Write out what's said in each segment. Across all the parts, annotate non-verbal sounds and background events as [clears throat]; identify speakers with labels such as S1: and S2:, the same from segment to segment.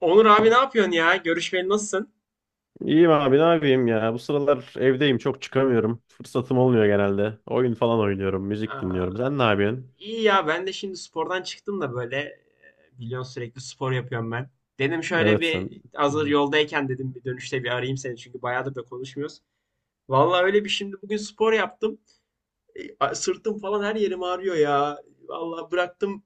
S1: Onur abi ne yapıyorsun ya? Görüşmeli nasılsın?
S2: İyiyim abi ne yapayım ya. Bu sıralar evdeyim, çok çıkamıyorum. Fırsatım olmuyor genelde. Oyun falan oynuyorum, müzik
S1: Aa,
S2: dinliyorum. Sen ne yapıyorsun?
S1: iyi ya, ben de şimdi spordan çıktım da böyle biliyorsun sürekli spor yapıyorum ben. Dedim şöyle
S2: Evet, sen.
S1: bir
S2: Hı
S1: hazır
S2: hı.
S1: yoldayken dedim bir dönüşte bir arayayım seni, çünkü bayağıdır da konuşmuyoruz. Vallahi öyle bir şimdi bugün spor yaptım. Sırtım falan her yerim ağrıyor ya. Vallahi bıraktım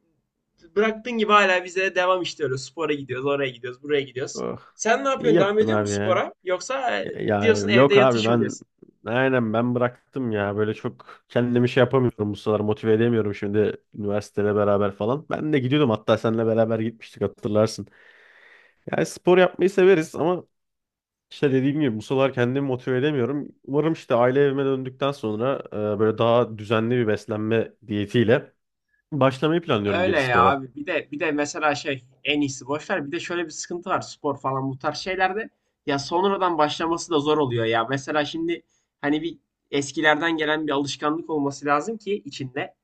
S1: bıraktığın gibi hala bize devam, işte öyle spora gidiyoruz, oraya gidiyoruz, buraya gidiyoruz.
S2: Oh.
S1: Sen ne
S2: İyi
S1: yapıyorsun? Devam
S2: yaptın
S1: ediyor
S2: abi
S1: musun
S2: ya.
S1: spora? Yoksa
S2: Ya
S1: diyorsun evde
S2: yok abi,
S1: yatış mı
S2: ben
S1: diyorsun?
S2: aynen ben bıraktım ya. Böyle çok kendimi şey yapamıyorum bu sıralar, motive edemiyorum şimdi üniversiteyle beraber falan. Ben de gidiyordum, hatta seninle beraber gitmiştik, hatırlarsın. Yani spor yapmayı severiz ama İşte dediğim gibi bu sıralar kendimi motive edemiyorum. Umarım işte aile evime döndükten sonra böyle daha düzenli bir beslenme diyetiyle başlamayı planlıyorum geri
S1: Öyle ya
S2: spora.
S1: abi. Bir de mesela şey, en iyisi boş ver. Bir de şöyle bir sıkıntı var spor falan bu tarz şeylerde. Ya sonradan başlaması da zor oluyor ya. Mesela şimdi hani bir eskilerden gelen bir alışkanlık olması lazım ki içinde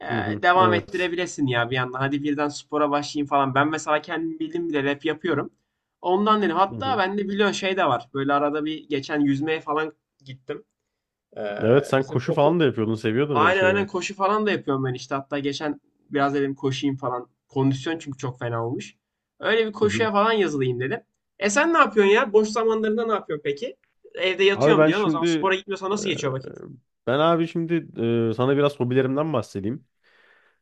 S1: e,
S2: Hı hı,
S1: devam
S2: evet.
S1: ettirebilesin ya bir yandan. Hadi birden spora başlayayım falan. Ben mesela kendim bildim bile rap yapıyorum. Ondan dedim.
S2: Hı
S1: Hatta
S2: hı.
S1: bende biliyorsun şey de var. Böyle arada bir geçen yüzmeye falan gittim. E,
S2: Evet, sen
S1: bizim
S2: koşu
S1: okul
S2: falan da yapıyordun, seviyordun öyle
S1: Aynen aynen,
S2: şeyleri.
S1: koşu falan da yapıyorum ben işte. Hatta geçen biraz dedim koşayım falan. Kondisyon çünkü çok fena olmuş. Öyle bir
S2: Hı hı.
S1: koşuya falan yazılayım dedim. Sen ne yapıyorsun ya? Boş zamanlarında ne yapıyorsun peki? Evde
S2: Abi
S1: yatıyorum
S2: ben
S1: diyorsun. O zaman
S2: şimdi
S1: spora gitmiyorsan
S2: e,
S1: nasıl geçiyor vakit?
S2: ben abi şimdi e, Sana biraz hobilerimden bahsedeyim.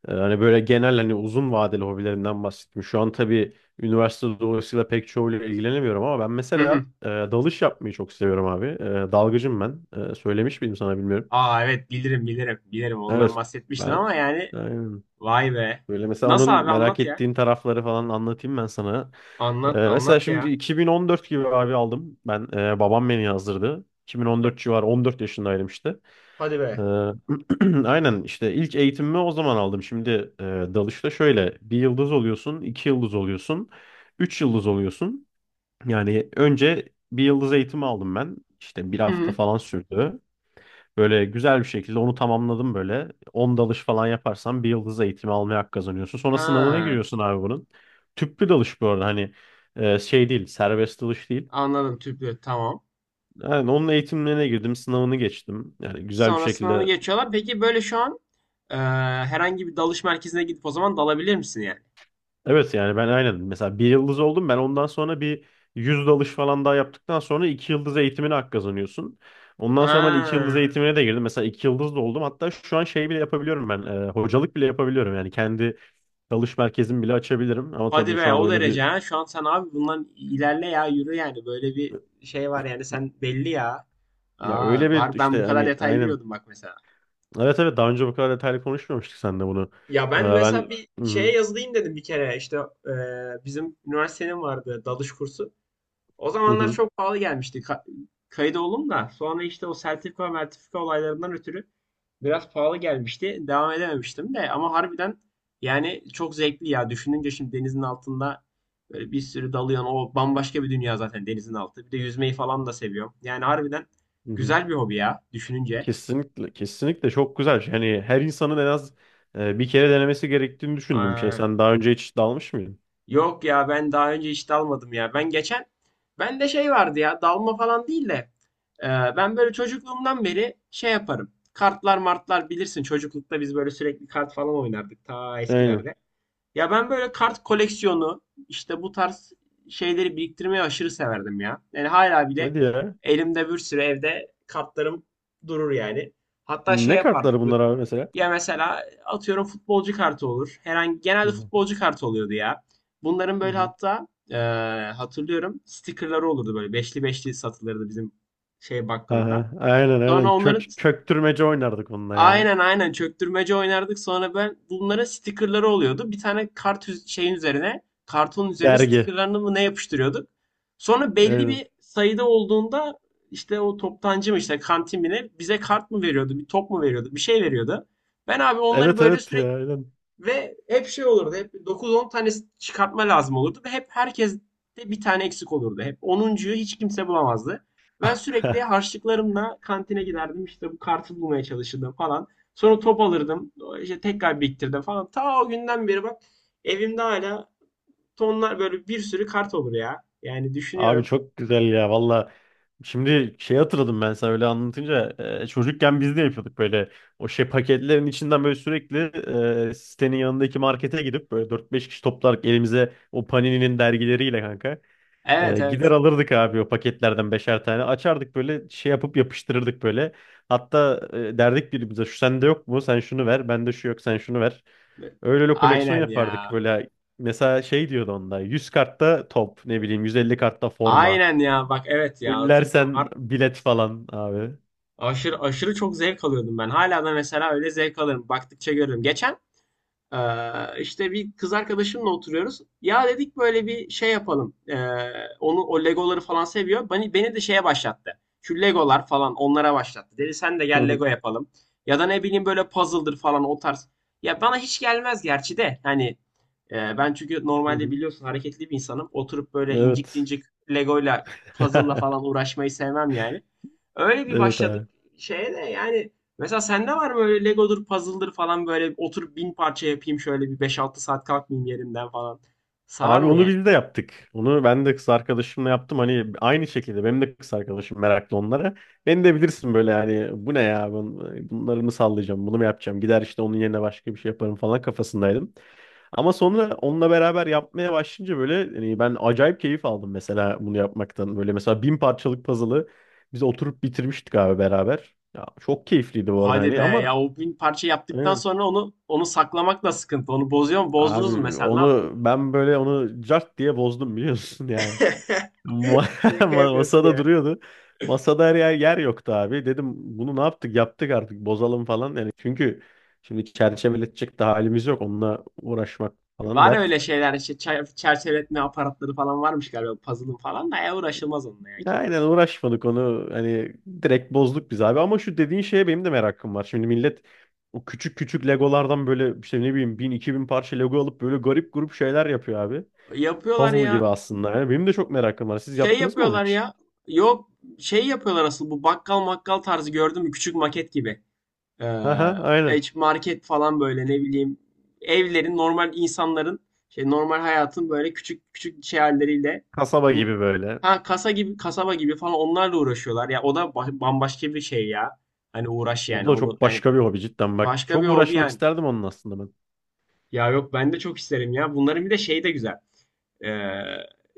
S2: Hani böyle genel, hani uzun vadeli hobilerimden bahsettim. Şu an tabii üniversite dolayısıyla pek çoğuyla ilgilenemiyorum ama ben
S1: Hı
S2: mesela
S1: hı.
S2: dalış yapmayı çok seviyorum abi. Dalgıcım ben. Söylemiş miydim sana, bilmiyorum.
S1: Aa, evet, bilirim bilirim. Bilirim, ondan
S2: Evet.
S1: bahsetmiştin
S2: Ben
S1: ama yani
S2: aynen.
S1: vay be.
S2: Böyle mesela
S1: Nasıl
S2: onun
S1: abi,
S2: merak
S1: anlat ya.
S2: ettiğin tarafları falan anlatayım ben sana.
S1: Anlat
S2: Mesela
S1: anlat
S2: şimdi
S1: ya.
S2: 2014 gibi abi aldım. Ben babam beni yazdırdı.
S1: Ha-
S2: 2014 civarı 14 yaşındaydım işte.
S1: Hadi
S2: Ee,
S1: be.
S2: [clears throat] aynen, işte ilk eğitimimi o zaman aldım. Şimdi dalışta şöyle bir yıldız oluyorsun, iki yıldız oluyorsun, üç yıldız oluyorsun. Yani önce bir yıldız eğitimi aldım ben. İşte bir
S1: Hı
S2: hafta
S1: hı.
S2: falan sürdü. Böyle güzel bir şekilde onu tamamladım böyle. 10 dalış falan yaparsan bir yıldız eğitimi almaya hak kazanıyorsun. Sonra sınavına
S1: Ha,
S2: giriyorsun abi bunun. Tüplü dalış bu arada, hani şey değil, serbest dalış değil.
S1: anladım, tüplü, tamam.
S2: Yani onun eğitimlerine girdim, sınavını geçtim. Yani güzel bir
S1: Sonra sınavı
S2: şekilde
S1: geçiyorlar. Peki böyle şu an e, herhangi bir dalış merkezine gidip o zaman dalabilir misin yani?
S2: evet, yani ben aynen mesela bir yıldız oldum ben, ondan sonra bir 100 dalış falan daha yaptıktan sonra iki yıldız eğitimine hak kazanıyorsun. Ondan sonra ben iki
S1: Ha.
S2: yıldız eğitimine de girdim, mesela iki yıldız da oldum, hatta şu an şey bile yapabiliyorum ben, hocalık bile yapabiliyorum, yani kendi dalış merkezimi bile açabilirim ama
S1: Hadi
S2: tabii şu
S1: be,
S2: an
S1: o
S2: öyle bir
S1: derece ha. Şu an sen abi bundan ilerle ya, yürü yani. Böyle bir şey var yani, sen belli ya.
S2: ya, öyle
S1: Aa,
S2: bir
S1: var, ben
S2: işte
S1: bu kadar
S2: hani
S1: detay
S2: aynen
S1: bilmiyordum bak mesela.
S2: evet, evet daha önce bu kadar detaylı konuşmamıştık seninle bunu.
S1: Ya ben
S2: Ben
S1: mesela bir şeye
S2: hı
S1: yazılayım dedim bir kere işte bizim üniversitenin vardı dalış kursu. O zamanlar
S2: hı,
S1: çok pahalı gelmişti, kayıt oldum da sonra işte o sertifika mertifika olaylarından ötürü biraz pahalı gelmişti. Devam edememiştim de ama harbiden yani çok zevkli ya. Düşününce şimdi denizin altında böyle bir sürü dalıyorsun. O bambaşka bir dünya zaten denizin altı. Bir de yüzmeyi falan da seviyorum. Yani harbiden
S2: hı hı.
S1: güzel bir hobi ya, düşününce.
S2: Kesinlikle, kesinlikle çok güzel. Hani her insanın en az bir kere denemesi gerektiğini düşündüğüm bir şey.
S1: Ee,
S2: Sen daha önce hiç dalmış mıydın?
S1: Yok ya, ben daha önce hiç dalmadım ya. Ben de şey vardı ya, dalma falan değil de e, ben böyle çocukluğumdan beri şey yaparım. Kartlar martlar bilirsin, çocuklukta biz böyle sürekli kart falan oynardık ta
S2: Aynen.
S1: eskilerde. Ya ben böyle kart koleksiyonu, işte bu tarz şeyleri biriktirmeyi aşırı severdim ya. Yani hala bile
S2: Hadi ya.
S1: elimde bir sürü evde kartlarım durur yani. Hatta şey
S2: Ne
S1: yapardık
S2: kartları bunlar abi mesela?
S1: ya, mesela atıyorum futbolcu kartı olur. Herhangi,
S2: Hı
S1: genelde
S2: hı.
S1: futbolcu kartı oluyordu ya. Bunların
S2: Hı
S1: böyle
S2: hı.
S1: hatta hatırlıyorum stickerları olurdu, böyle beşli beşli satılırdı bizim şey bakkalında.
S2: Aha, aynen aynen.
S1: Sonra onların
S2: Köktürmece oynardık onunla ya.
S1: Aynen aynen çöktürmece oynardık. Sonra ben bunlara stickerları oluyordu. Bir tane şeyin üzerine, kartonun üzerine
S2: Dergi.
S1: stickerlarını mı ne yapıştırıyorduk. Sonra belli
S2: Aynen.
S1: bir sayıda olduğunda işte o toptancı mı, işte kantin mi ne bize kart mı veriyordu, bir top mu veriyordu, bir şey veriyordu. Ben abi onları
S2: Evet,
S1: böyle
S2: evet ya,
S1: sürekli
S2: aynen.
S1: ve hep şey olurdu. Hep 9-10 tanesi çıkartma lazım olurdu. Ve hep herkes de bir tane eksik olurdu. Hep onuncuyu hiç kimse bulamazdı. Ben sürekli
S2: [laughs]
S1: harçlıklarımla kantine giderdim. İşte bu kartı bulmaya çalışırdım falan. Sonra top alırdım. İşte tekrar biriktirdim falan. Ta o günden beri bak, evimde hala tonlar, böyle bir sürü kart olur ya. Yani
S2: Abi
S1: düşünüyorum.
S2: çok güzel ya valla. Şimdi şey hatırladım ben sana öyle anlatınca çocukken biz de yapıyorduk böyle o şey paketlerin içinden böyle sürekli sitenin yanındaki markete gidip böyle dört beş kişi toplarak elimize o Panini'nin dergileriyle, kanka,
S1: Evet
S2: gider
S1: evet.
S2: alırdık abi o paketlerden beşer tane. Açardık böyle şey yapıp yapıştırırdık böyle. Hatta derdik birbirimize, şu sende yok mu? Sen şunu ver. Bende şu yok. Sen şunu ver. Öyle öyle koleksiyon
S1: Aynen
S2: yapardık
S1: ya.
S2: böyle. Mesela şey diyordu onda. 100 kartta top, ne bileyim, 150 kartta forma.
S1: Aynen ya. Bak evet ya, hatırlıyorum.
S2: Fullersen bilet falan abi.
S1: Aşırı aşırı çok zevk alıyordum ben. Hala da mesela öyle zevk alırım. Baktıkça görürüm. Geçen işte bir kız arkadaşımla oturuyoruz. Ya dedik böyle bir şey yapalım. Onu O Legoları falan seviyor. Beni de şeye başlattı. Şu Legolar falan, onlara başlattı. Dedi sen de
S2: [laughs] Hı
S1: gel
S2: hı,
S1: Lego yapalım. Ya da ne bileyim böyle puzzle'dır falan, o tarz. Ya bana hiç gelmez gerçi de. Hani ben çünkü
S2: hı
S1: normalde
S2: hı.
S1: biliyorsun hareketli bir insanım. Oturup böyle incik
S2: Evet.
S1: incik Lego'yla puzzle'la falan
S2: [laughs]
S1: uğraşmayı sevmem yani. Öyle bir
S2: Evet
S1: başladık
S2: abi.
S1: şeye de yani. Mesela sende var mı öyle Lego'dur, puzzle'dır falan, böyle oturup 1000 parça yapayım, şöyle bir 5-6 saat kalkmayayım yerimden falan. Sarar
S2: Abi
S1: mı
S2: onu
S1: yani?
S2: biz de yaptık. Onu ben de kız arkadaşımla yaptım. Hani aynı şekilde benim de kız arkadaşım meraklı onlara. Beni de bilirsin böyle, yani bu ne ya, bunları mı sallayacağım, bunu mu yapacağım, gider işte onun yerine başka bir şey yaparım falan kafasındaydım. Ama sonra onunla beraber yapmaya başlayınca böyle, hani ben acayip keyif aldım mesela bunu yapmaktan. Böyle mesela 1000 parçalık puzzle'ı biz oturup bitirmiştik abi beraber. Ya çok keyifliydi bu arada,
S1: Hadi
S2: hani
S1: be
S2: ama
S1: ya, o 1000 parça yaptıktan
S2: aynen.
S1: sonra onu saklamak da sıkıntı. Onu bozuyor mu? Bozdunuz mu
S2: Abi
S1: mesela? Ne yaptınız?
S2: onu ben böyle, onu cart diye bozdum biliyorsun [laughs] yani.
S1: [laughs]
S2: Ma- [laughs]
S1: Şaka yapıyorsun
S2: Masada
S1: ya.
S2: duruyordu. Masada her yer, yer yoktu abi. Dedim bunu ne yaptık? Yaptık artık, bozalım falan. Yani çünkü şimdi çerçeveletecek de halimiz yok. Onunla uğraşmak falan
S1: Var
S2: dert.
S1: öyle şeyler işte, çerçeveletme aparatları falan varmış galiba puzzle'ın falan da, ya uğraşılmaz onunla, ya
S2: Ya,
S1: kim
S2: aynen,
S1: uğraşacak?
S2: uğraşmadık onu. Hani direkt bozduk biz abi. Ama şu dediğin şeye benim de merakım var. Şimdi millet o küçük küçük Legolardan böyle, işte ne bileyim, bin iki bin parça Lego alıp böyle garip grup şeyler yapıyor abi.
S1: Yapıyorlar
S2: Puzzle gibi
S1: ya,
S2: aslında. Yani benim de çok merakım var. Siz
S1: şey
S2: yaptınız mı onu
S1: yapıyorlar
S2: hiç?
S1: ya, yok, şey yapıyorlar asıl bu bakkal makkal tarzı, gördün mü küçük maket gibi? Ee,
S2: Aha, aynen.
S1: market falan böyle, ne bileyim, evlerin, normal insanların şey normal hayatın böyle küçük küçük şey halleriyle,
S2: Kasaba
S1: min-
S2: gibi böyle.
S1: ha kasaba gibi falan, onlarla uğraşıyorlar. Ya o da bambaşka bir şey ya. Hani uğraş
S2: O
S1: yani
S2: da
S1: onu
S2: çok
S1: yani,
S2: başka bir hobi cidden. Bak
S1: başka bir
S2: çok
S1: hobi
S2: uğraşmak
S1: yani.
S2: isterdim onun aslında ben.
S1: Ya yok, ben de çok isterim ya. Bunların bir de şeyi de güzel. Ee,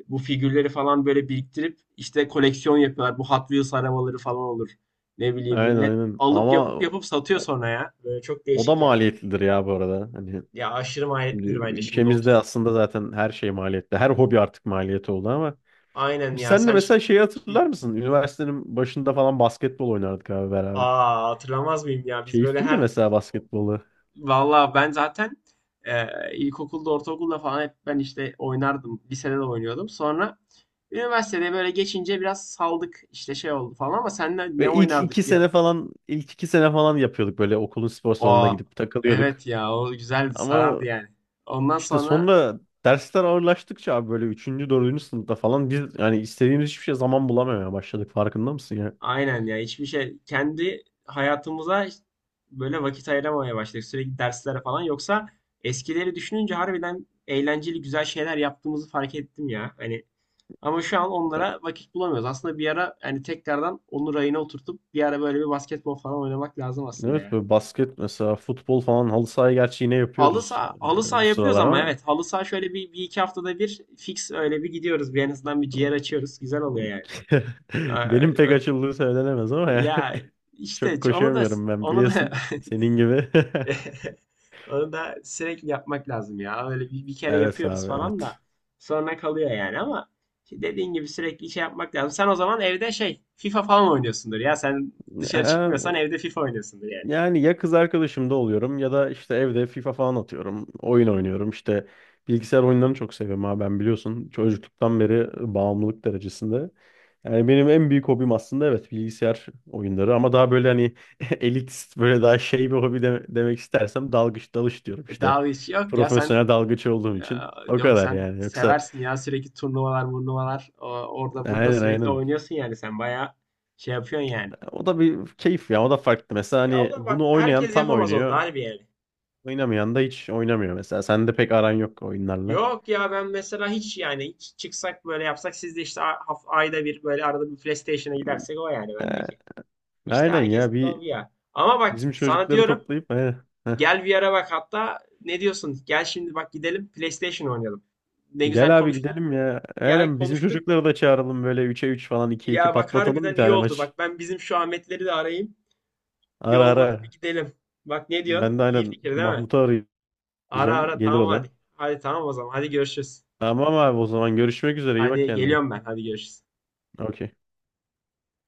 S1: bu figürleri falan böyle biriktirip işte koleksiyon yapıyorlar. Bu Hot Wheels arabaları falan olur. Ne bileyim,
S2: Aynen,
S1: millet
S2: aynen.
S1: alıp
S2: Ama
S1: yapıp yapıp satıyor
S2: o,
S1: sonra ya. Böyle çok
S2: o da
S1: değişik ya.
S2: maliyetlidir ya bu arada. Hani
S1: Ya aşırı
S2: şimdi
S1: maliyetlidir bence şimdi
S2: ülkemizde
S1: otur.
S2: aslında zaten her şey maliyetli. Her hobi artık maliyeti oldu ama.
S1: Aynen ya
S2: Sen de
S1: sen.
S2: mesela şeyi
S1: Hı.
S2: hatırlar mısın? Üniversitenin başında falan basketbol oynardık abi beraber.
S1: Aa, hatırlamaz mıyım ya, biz böyle
S2: Keyifliydi
S1: her.
S2: mesela basketbolu.
S1: Vallahi ben zaten e, ilkokulda, ortaokulda falan hep ben işte oynardım. Lisede de oynuyordum. Sonra üniversitede böyle geçince biraz saldık. İşte şey oldu falan, ama seninle ne
S2: Ve
S1: oynardık ya?
S2: ilk iki sene falan yapıyorduk böyle okulun spor salonuna
S1: Aa
S2: gidip takılıyorduk.
S1: evet ya, o güzeldi,
S2: Ama
S1: sarardı yani. Ondan
S2: İşte
S1: sonra
S2: sonra dersler ağırlaştıkça abi, böyle üçüncü dördüncü sınıfta falan biz yani istediğimiz hiçbir şey zaman bulamamaya başladık, farkında mısın ya?
S1: aynen ya, hiçbir şey, kendi hayatımıza işte böyle vakit ayıramamaya başladık. Sürekli derslere falan, yoksa eskileri düşününce harbiden eğlenceli güzel şeyler yaptığımızı fark ettim ya. Hani, ama şu an onlara vakit bulamıyoruz. Aslında bir ara hani tekrardan onu rayına oturtup bir ara böyle bir basketbol falan oynamak lazım aslında
S2: Evet,
S1: ya.
S2: böyle basket mesela, futbol falan halı sahayı gerçi yine
S1: Halı
S2: yapıyoruz
S1: saha, halı saha
S2: bu
S1: yapıyoruz
S2: sıralar
S1: ama,
S2: ama
S1: evet halı saha şöyle bir iki haftada bir fix öyle bir gidiyoruz. Bir en azından bir ciğer açıyoruz. Güzel oluyor yani.
S2: [laughs]
S1: Ee,
S2: benim pek
S1: ö-
S2: açıldığı söylenemez ama yani
S1: Ya
S2: [laughs]
S1: işte
S2: çok
S1: onu da
S2: koşamıyorum ben
S1: onu da
S2: biliyorsun
S1: [laughs]
S2: senin gibi. [laughs]
S1: [laughs] onu da sürekli yapmak lazım ya. Öyle bir kere
S2: Evet
S1: yapıyoruz
S2: abi
S1: falan da sonra kalıyor yani, ama işte dediğin gibi sürekli şey yapmak lazım. Sen o zaman evde şey FIFA falan oynuyorsundur ya. Sen dışarı
S2: evet.
S1: çıkmıyorsan evde FIFA oynuyorsundur yani.
S2: Yani ya kız arkadaşımda oluyorum ya da işte evde FIFA falan atıyorum. Oyun oynuyorum. İşte bilgisayar oyunlarını çok seviyorum ha, ben biliyorsun. Çocukluktan beri bağımlılık derecesinde. Yani benim en büyük hobim aslında evet bilgisayar oyunları ama daha böyle hani [laughs] elitist böyle daha şey bir hobi demek istersem dalgıç, dalış diyorum işte.
S1: Daha hiç yok ya sen
S2: Profesyonel dalgıç olduğum
S1: e,
S2: için o
S1: yok
S2: kadar
S1: sen
S2: yani, yoksa
S1: seversin ya, sürekli turnuvalar, turnuvalar, orada burada
S2: aynen,
S1: sürekli
S2: aynen.
S1: oynuyorsun yani, sen bayağı şey yapıyorsun yani.
S2: O da bir keyif ya, o da farklı. Mesela
S1: Ya o
S2: hani
S1: da bak,
S2: bunu oynayan
S1: herkes
S2: tam
S1: yapamaz, onu da
S2: oynuyor.
S1: harbi yani.
S2: Oynamayan da hiç oynamıyor mesela. Sende pek aran yok oyunlarla.
S1: Yok ya, ben mesela hiç yani, hiç çıksak böyle yapsak siz de işte ayda bir, böyle arada bir PlayStation'a gidersek o, yani
S2: He,
S1: bendeki. İşte
S2: aynen ya,
S1: herkesin de o
S2: bir
S1: bir ya. Ama bak
S2: bizim
S1: sana
S2: çocukları
S1: diyorum,
S2: toplayıp, he, heh.
S1: gel bir ara bak, hatta ne diyorsun? Gel şimdi bak, gidelim PlayStation oynayalım. Ne güzel
S2: Gel abi,
S1: konuştuk.
S2: gidelim ya.
S1: Gel
S2: Aynen, bizim
S1: konuştuk.
S2: çocukları da çağıralım böyle 3'e 3 falan, 2'ye 2
S1: Ya bak
S2: patlatalım bir
S1: harbiden iyi
S2: tane
S1: oldu.
S2: maç.
S1: Bak ben bizim şu Ahmetleri de arayayım. Bir
S2: Ara, ara.
S1: olmadı bir gidelim. Bak ne diyorsun?
S2: Ben de
S1: İyi
S2: aynen
S1: fikir değil mi?
S2: Mahmut'u
S1: Ara
S2: arayacağım.
S1: ara,
S2: Gelir
S1: tamam
S2: o da.
S1: hadi. Hadi tamam o zaman. Hadi görüşürüz.
S2: Tamam abi, o zaman görüşmek üzere. İyi bak
S1: Hadi
S2: kendine.
S1: geliyorum ben. Hadi görüşürüz.
S2: Okey.